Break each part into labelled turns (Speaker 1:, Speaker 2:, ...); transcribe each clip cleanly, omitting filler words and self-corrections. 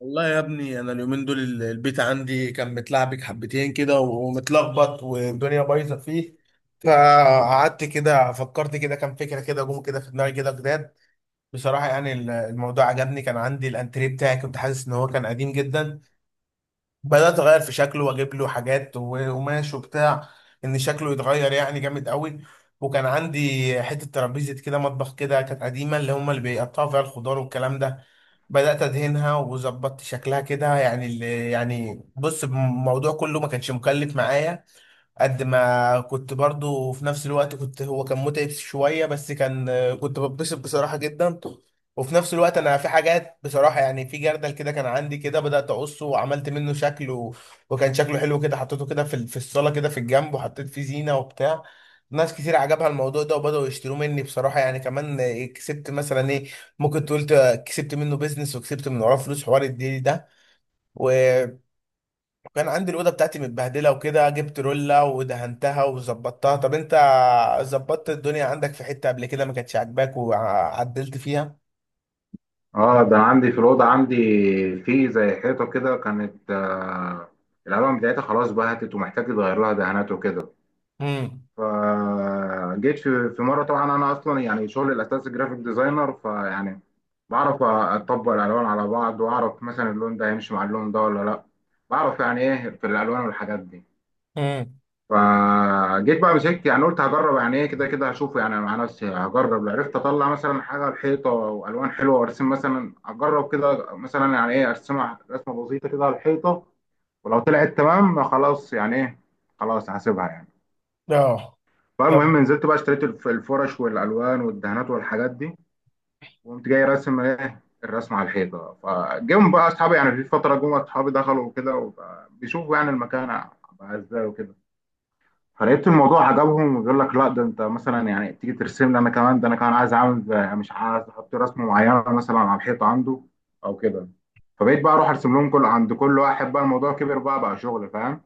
Speaker 1: والله يا ابني انا اليومين دول البيت عندي كان متلعبك حبتين كده ومتلخبط والدنيا بايظه فيه. فقعدت كده فكرت كده كام فكره كده جم كده في دماغي كده جداد. بصراحه يعني الموضوع عجبني، كان عندي الانتريه بتاعي، كنت حاسس ان هو كان قديم جدا. بدأت أغير في شكله وأجيب له حاجات وقماش وبتاع، إن شكله يتغير يعني جامد قوي. وكان عندي حتة ترابيزة كده مطبخ كده كانت قديمة، اللي هما اللي بيقطعوا فيها الخضار والكلام ده. بدأت أدهنها وظبطت شكلها كده، يعني اللي يعني بص الموضوع كله ما كانش مكلف معايا. قد ما كنت برضو في نفس الوقت كنت هو كان متعب شوية بس كان كنت بتبسط بصراحة جدا. وفي نفس الوقت انا في حاجات بصراحة يعني، في جردل كده كان عندي كده، بدأت اقصه وعملت منه شكل وكان شكله حلو كده، حطيته كده في في الصالة كده في الجنب وحطيت فيه زينة وبتاع. ناس كتير عجبها الموضوع ده وبدأوا يشتروا مني بصراحة يعني، كمان كسبت مثلا ايه، ممكن تقول كسبت منه بيزنس وكسبت من وراه فلوس حوار الديل ده. كان عندي الاوضه بتاعتي متبهدله وكده، جبت روله ودهنتها وظبطتها. طب انت ظبطت الدنيا عندك في حته قبل كده ما كانتش عاجباك وعدلت فيها؟
Speaker 2: اه ده عندي في الأوضة عندي في زي حيطة كده كانت آه، الألوان بتاعتها خلاص بهتت ومحتاج يتغير لها دهانات وكده.
Speaker 1: امم.
Speaker 2: فجيت في مرة. طبعا أنا أصلا يعني شغلي الأساسي جرافيك ديزاينر. فيعني بعرف أطبق الألوان على بعض، وأعرف مثلا اللون ده هيمشي مع اللون ده ولا لأ. بعرف يعني إيه في الألوان والحاجات دي.
Speaker 1: امم.
Speaker 2: فجيت بقى مسكت، يعني قلت هجرب يعني ايه كده كده، هشوفه يعني مع نفسي. هجرب لو عرفت اطلع مثلا حاجه على الحيطه والوان حلوه وارسم، مثلا اجرب كده، مثلا يعني ايه ارسمها رسمه بسيطه كده على الحيطه. ولو طلعت تمام خلاص يعني ايه، خلاص هسيبها يعني.
Speaker 1: اه. طب
Speaker 2: فالمهم نزلت بقى اشتريت الفرش والالوان والدهانات والحاجات دي. وقمت جاي راسم ايه الرسمه على الحيطه. فجم بقى اصحابي، يعني في فتره جم اصحابي دخلوا وكده، وبقى بيشوفوا يعني المكان بقى ازاي وكده. فلقيت الموضوع عجبهم، يقول لك لا ده انت مثلا يعني تيجي ترسم لي انا كمان، ده انا كمان عايز اعمل مش عايز احط رسمه معينه مثلا على الحيطه عنده او كده. فبقيت بقى اروح ارسم لهم كل عند كل واحد، بقى الموضوع كبر، بقى شغل، فاهم.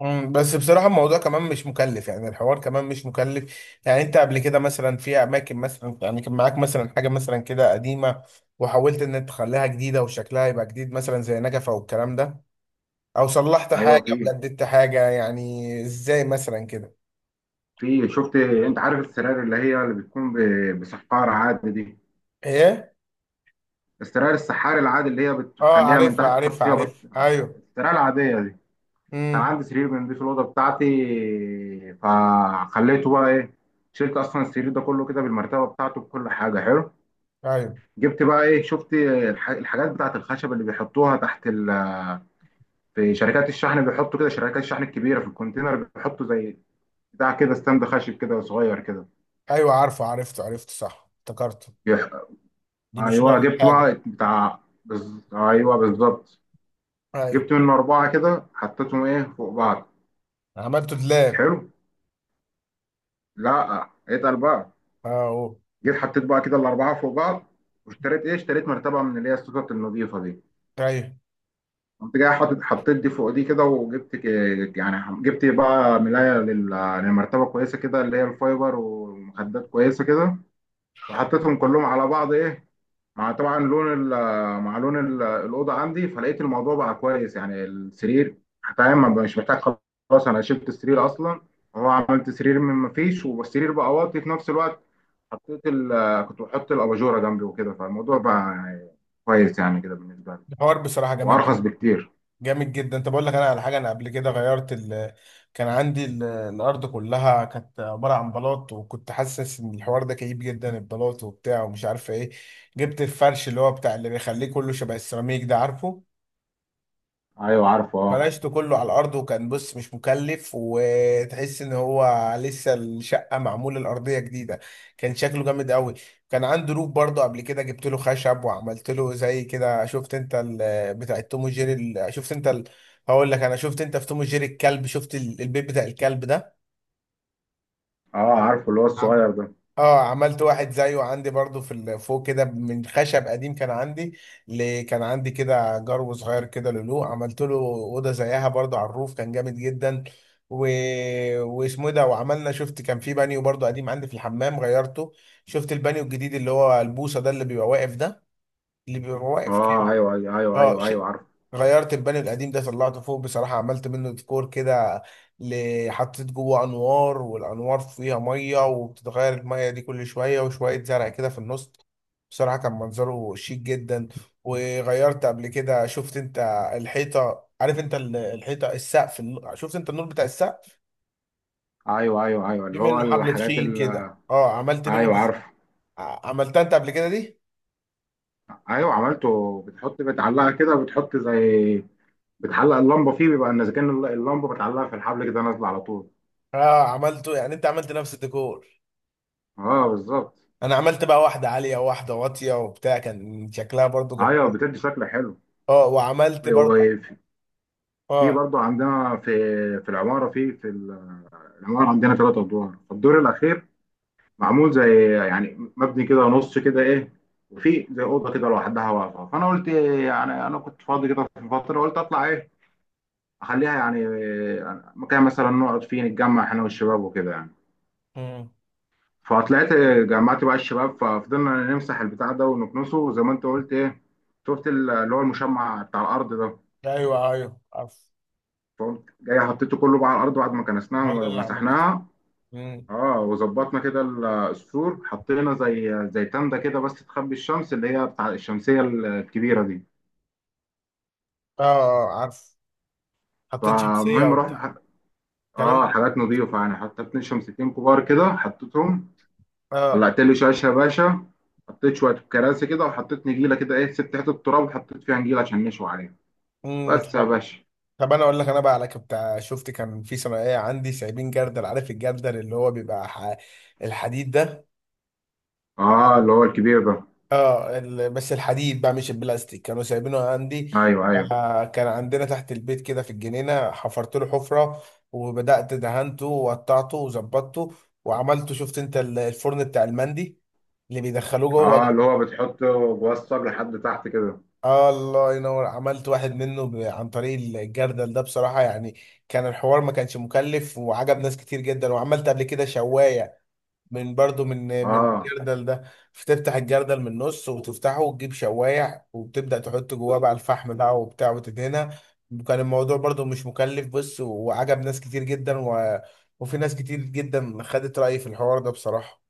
Speaker 1: مم، بس بصراحة الموضوع كمان مش مكلف، يعني الحوار كمان مش مكلف. يعني انت قبل كده مثلا في اماكن مثلا يعني كان معاك مثلا حاجة مثلا كده قديمة وحاولت ان انت تخليها جديدة وشكلها يبقى جديد، مثلا زي نجفة والكلام ده، او صلحت
Speaker 2: ايوه.
Speaker 1: حاجة
Speaker 2: في
Speaker 1: وجددت حاجة، يعني ازاي مثلا كده؟
Speaker 2: في شفت انت عارف السراير اللي هي اللي بتكون بسحار عادي دي؟
Speaker 1: ايه.
Speaker 2: السراير السحاري العادي اللي هي
Speaker 1: اه،
Speaker 2: بتخليها من
Speaker 1: عارفها
Speaker 2: تحت تحط
Speaker 1: عارفها
Speaker 2: فيها
Speaker 1: عارف ايوه.
Speaker 2: السراير العاديه دي. كان
Speaker 1: امم.
Speaker 2: عندي سرير بنضيف في الاوضه بتاعتي. فخليته بقى ايه، شلت اصلا السرير ده كله كده بالمرتبه بتاعته بكل حاجه. حلو.
Speaker 1: ايوه
Speaker 2: جبت بقى ايه، شفت الحاجات بتاعت الخشب اللي بيحطوها تحت ال. في شركات الشحن بيحطوا كده، شركات الشحن الكبيره في الكونتينر بيحطوا زي بتاع كده ستاند خشب كده صغير كده.
Speaker 1: ايوه عارفه، عرفته عرفته صح، افتكرته.
Speaker 2: يح-
Speaker 1: دي بيشيل
Speaker 2: ايوه،
Speaker 1: عليه
Speaker 2: جبت
Speaker 1: حاجه.
Speaker 2: بقى بتاع، ايوه بالظبط.
Speaker 1: ايوه.
Speaker 2: جبت منه اربعه كده حطيتهم ايه فوق بعض.
Speaker 1: عملته دلاب.
Speaker 2: حلو. لا اتقل بقى.
Speaker 1: اه أوه.
Speaker 2: جيت حطيت بقى كده الاربعه فوق بعض، واشتريت ايه، اشتريت مرتبه من اللي هي السكك النظيفه دي.
Speaker 1: ايوه.
Speaker 2: قمت جاي حاطط حطيت دي فوق دي كده، وجبت يعني جبت بقى ملايه للمرتبه كويسه كده اللي هي الفايبر، ومخدات كويسه كده. وحطيتهم كلهم على بعض ايه، مع طبعا لون ال- مع لون الاوضه عندي. فلقيت الموضوع بقى كويس، يعني السرير فاهم، ما بقاش محتاج، خلاص انا شلت السرير اصلا. هو عملت سرير من ما فيش، والسرير بقى واطي في نفس الوقت. حطيت ال، كنت بحط الاباجوره جنبي وكده. فالموضوع بقى يعني كويس يعني كده بالنسبه لي.
Speaker 1: الحوار بصراحه جامد
Speaker 2: وارخص
Speaker 1: جدا.
Speaker 2: بكتير.
Speaker 1: جامد جدا. طب اقول لك انا على حاجه، انا قبل كده غيرت كان عندي الارض كلها كانت عباره عن بلاط، وكنت حاسس ان الحوار ده كئيب جدا، البلاط وبتاع ومش عارفه ايه. جبت الفرش اللي هو بتاع اللي بيخليه كله شبه السيراميك ده، عارفه؟
Speaker 2: ايوه عارفه اه.
Speaker 1: فرشته كله على الارض وكان بص مش مكلف، وتحس ان هو لسه الشقه معموله الارضيه جديده. كان شكله جامد قوي. كان عنده روف برضه قبل كده، جبت له خشب وعملت له زي كده، شفت انت بتاع توم وجيري هقول لك، انا شفت انت في توم وجيري الكلب، شفت البيت بتاع الكلب ده؟
Speaker 2: اه عارفه اللي هو الصغير ده.
Speaker 1: اه، عملت واحد زيه عندي برضو في فوق كده من خشب قديم كان عندي. كان عندي كده جرو صغير كده لولو، عملت له اوضه زيها برضو على الروف كان جامد جدا. و... واسمه إيه ده، وعملنا شفت كان في بانيو برضو قديم عندي في الحمام غيرته. شفت البانيو الجديد اللي هو البوصه ده اللي بيبقى واقف ده، اللي بيبقى واقف؟
Speaker 2: اه ايوه ايوه ايوه
Speaker 1: اه
Speaker 2: ايوه ايوه عارفه.
Speaker 1: غيرت البانيو القديم ده، طلعته فوق بصراحة عملت منه ديكور كده. حطيت جوه انوار والانوار فيها مية، وبتتغير المية دي كل شوية، وشوية زرع كده في النص. بصراحة كان منظره شيك جدا. وغيرت قبل كده، شفت انت الحيطة، عارف انت الحيطة السقف شفت انت النور بتاع السقف؟
Speaker 2: ايوه ايوه ايوه
Speaker 1: في
Speaker 2: اللي هو
Speaker 1: منه حبل
Speaker 2: الحاجات
Speaker 1: تخين
Speaker 2: ال.
Speaker 1: كده، اه عملت منه.
Speaker 2: ايوه عارفه.
Speaker 1: عملتها انت قبل كده دي؟
Speaker 2: ايوه عملته، بتحط بتعلقها كده، بتحط زي، بتعلق اللمبه فيه، بيبقى ان اذا كان اللمبه بتعلقها في الحبل كده نازله على طول.
Speaker 1: اه عملته، يعني انت عملت نفس الديكور.
Speaker 2: اه بالظبط.
Speaker 1: انا عملت بقى واحده عاليه وواحده واطيه وبتاع، كان شكلها برضو جبار.
Speaker 2: ايوه بتدي شكل حلو.
Speaker 1: اه وعملت برضو.
Speaker 2: وفي،
Speaker 1: اه.
Speaker 2: برضه عندنا في في العماره في في ال- العمارة عندنا ثلاث أدوار. الدور الأخير معمول زي، يعني مبني كده نص كده إيه، وفي زي أوضة كده لوحدها واقفة. فأنا قلت إيه، يعني أنا كنت فاضي كده في فترة، قلت أطلع إيه، أخليها يعني إيه، مكان مثلا نقعد فيه نتجمع إحنا والشباب وكده يعني.
Speaker 1: امم.
Speaker 2: فطلعت إيه، جمعت بقى الشباب، ففضلنا نمسح البتاع ده ونكنسه زي ما أنت قلت إيه. شفت اللي هو المشمع بتاع الأرض ده.
Speaker 1: ايوه ايوه عارف.
Speaker 2: فقمت جاي حطيته كله بقى على الأرض بعد ما
Speaker 1: ما هو
Speaker 2: كنسناها
Speaker 1: ده اللي عملته.
Speaker 2: ومسحناها.
Speaker 1: امم.
Speaker 2: اه وظبطنا كده. السور حطينا زي تندة كده بس تخبي الشمس، اللي هي بتاع الشمسية الكبيرة دي.
Speaker 1: اه اه عارف. حطيت شمسيه
Speaker 2: فالمهم رحنا
Speaker 1: وبتاع. الكلام ده
Speaker 2: اه حاجات
Speaker 1: جامد.
Speaker 2: نظيفة يعني، حطيت اتنين شمسيتين كبار كده حطيتهم.
Speaker 1: اه.
Speaker 2: قلعت لي شاشة يا باشا. حطيت شوية كراسي كده، وحطيت نجيلة كده ايه، سبت حتة التراب وحطيت فيها نجيلة عشان نشوي عليها.
Speaker 1: امم.
Speaker 2: بس يا باشا.
Speaker 1: طب انا اقول لك انا بقى على بتاع، شفت كان في ثانويه عندي سايبين جردل، عارف الجردل اللي هو بيبقى الحديد ده؟
Speaker 2: اه اللي هو الكبير ده.
Speaker 1: اه بس الحديد بقى مش البلاستيك، كانوا سايبينه عندي.
Speaker 2: ايوه ايوه.
Speaker 1: آه، كان عندنا تحت البيت كده في الجنينة، حفرت له حفرة وبدأت دهنته وقطعته وظبطته، وعملته شفت انت الفرن بتاع المندي اللي بيدخلوه جوه ده؟
Speaker 2: اه اللي هو بتحطه بوسط لحد تحت كده.
Speaker 1: آه الله ينور، عملت واحد منه عن طريق الجردل ده بصراحة يعني. كان الحوار ما كانش مكلف، وعجب ناس كتير جدا. وعملت قبل كده شواية من برضو من
Speaker 2: اه.
Speaker 1: الجردل ده، فتفتح الجردل من النص وتفتحه وتجيب شوايع، وبتبدأ تحط جواه بقى الفحم بقى وبتاع وتدهنها. كان الموضوع برضو مش مكلف بص، وعجب ناس كتير جدا. و... وفي ناس كتير جدا خدت رأيي في الحوار ده بصراحة.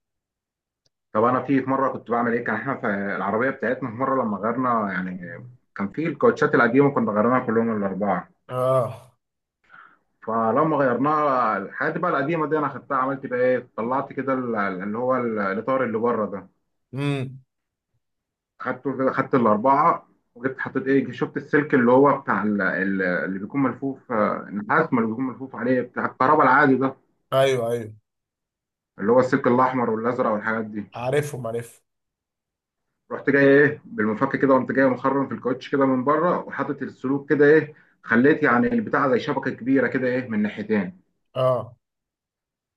Speaker 2: طب انا في مره كنت بعمل ايه، كان احنا في العربيه بتاعتنا في مره لما غيرنا يعني، كان في الكاوتشات القديمه كنا غيرناها كلهم الاربعه.
Speaker 1: اه.
Speaker 2: فلما غيرناها الحاجات بقى القديمه دي، انا خدتها عملت بقى ايه، طلعت كده الاطار اللي بره ده.
Speaker 1: امم.
Speaker 2: خدته كده خدت الاربعه. وجبت حطيت ايه، شفت السلك اللي هو بتاع اللي بيكون ملفوف آه، النحاس ما اللي بيكون ملفوف عليه بتاع الكهرباء العادي ده.
Speaker 1: ايوه ايوه.
Speaker 2: اللي هو السلك الاحمر والازرق والحاجات دي.
Speaker 1: عارفهم عارفهم.
Speaker 2: رحت جاي ايه بالمفك كده، قمت جاي مخرم في الكاوتش كده من بره، وحاطط السلوك كده ايه، خليت يعني البتاع زي شبكه كبيره كده ايه من ناحيتين.
Speaker 1: اه.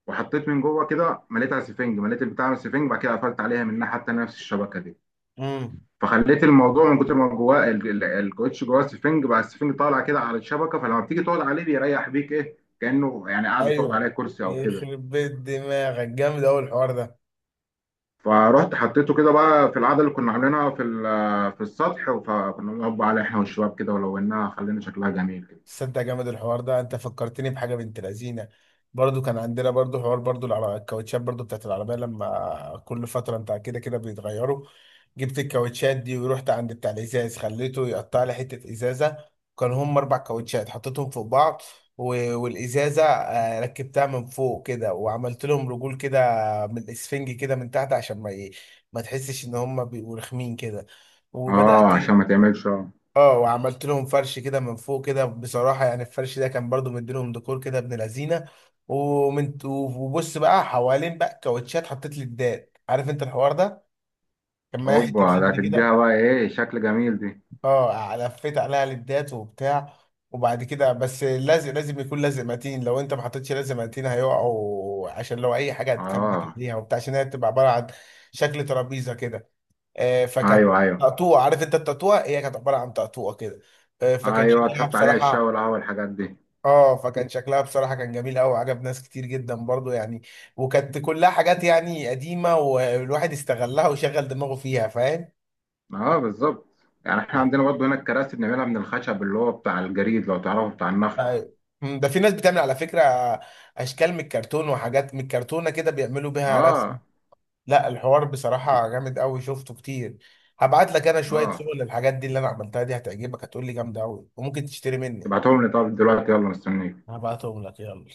Speaker 2: وحطيت من جوه كده مليتها سفنج، مليت البتاع من السفنج، بعد كده قفلت عليها من ناحيه تانيه نفس الشبكه دي.
Speaker 1: امم.
Speaker 2: فخليت الموضوع من كتر ما جواه الكاوتش جواه سفنج، بقى السفنج طالع كده على الشبكه. فلما بتيجي تقعد عليه بيريح بيك ايه، كانه يعني قاعده تقعد عليه
Speaker 1: ايوه.
Speaker 2: كرسي او كده.
Speaker 1: يخرب بيت دماغك جامد قوي الحوار ده.
Speaker 2: فرحت حطيته كده بقى في القعده اللي كنا عاملينها في السطح. فكنا بنقعد بقى عليه احنا والشباب كده، ولوناها خلينا شكلها جميل.
Speaker 1: تصدق جامد الحوار ده، انت فكرتني بحاجه بنت لذينه. برضو كان عندنا برضو حوار برضو الكاوتشات برضو بتاعت العربيه، لما كل فتره بتاع كده كده بيتغيروا. جبت الكاوتشات دي ورحت عند بتاع الازاز، خليته يقطع لي حته ازازه. كان هم اربع كاوتشات حطيتهم فوق بعض، والازازه آه، ركبتها من فوق كده، وعملت لهم رجول كده من الاسفنج كده من تحت عشان ما تحسش ان هم بيبقوا رخمين كده. وبدات.
Speaker 2: اه عشان ما تعملش اه.
Speaker 1: اه وعملت لهم فرش كده من فوق كده، بصراحة يعني الفرش ده كان برضو مديلهم ديكور كده ابن لذينة. وبص بقى حوالين بقى كاوتشات، حطيت ليدات، عارف انت الحوار ده؟ كان معايا حتة
Speaker 2: اوبا، ده
Speaker 1: ليد
Speaker 2: هتديها
Speaker 1: كده.
Speaker 2: بقى ايه شكل جميل دي.
Speaker 1: اه لفيت عليها ليدات وبتاع. وبعد كده بس لازم، لازم يكون لازق متين، لو انت ما حطيتش لازق متين هيقعوا، عشان لو اي حاجة هتكبت
Speaker 2: اه
Speaker 1: عليها وبتاع، عشان هي بتبقى عبارة عن شكل ترابيزة كده. آه، فكانت
Speaker 2: ايوه ايوه
Speaker 1: تقطوع، عارف انت التقطوع؟ هي كانت عبارة عن تقطوع كده. آه، فكان
Speaker 2: ايوه.
Speaker 1: شكلها
Speaker 2: تحط عليها الشاي
Speaker 1: بصراحة.
Speaker 2: والقهوه والحاجات دي.
Speaker 1: اه فكان شكلها بصراحة كان جميل قوي، عجب ناس كتير جدا برضو يعني. وكانت كلها حاجات يعني قديمة، والواحد استغلها وشغل دماغه فيها، فاهم؟
Speaker 2: اه بالظبط. يعني احنا عندنا برضه هنا الكراسي بنعملها من الخشب اللي هو بتاع الجريد لو تعرفه بتاع النخل.
Speaker 1: أيوة. مم، ده في ناس بتعمل على فكرة اشكال من الكرتون وحاجات من الكرتونة كده، بيعملوا بيها رسم.
Speaker 2: اه.
Speaker 1: لا الحوار بصراحة
Speaker 2: بت-
Speaker 1: جامد قوي، شفته كتير. هبعت لك انا شوية
Speaker 2: اه
Speaker 1: صور للحاجات دي اللي انا عملتها دي، هتعجبك هتقول لي جامدة قوي، وممكن تشتري مني.
Speaker 2: تبعتهم لي. طب دلوقتي يلا، مستنيك.
Speaker 1: هبعتهم لك يلا.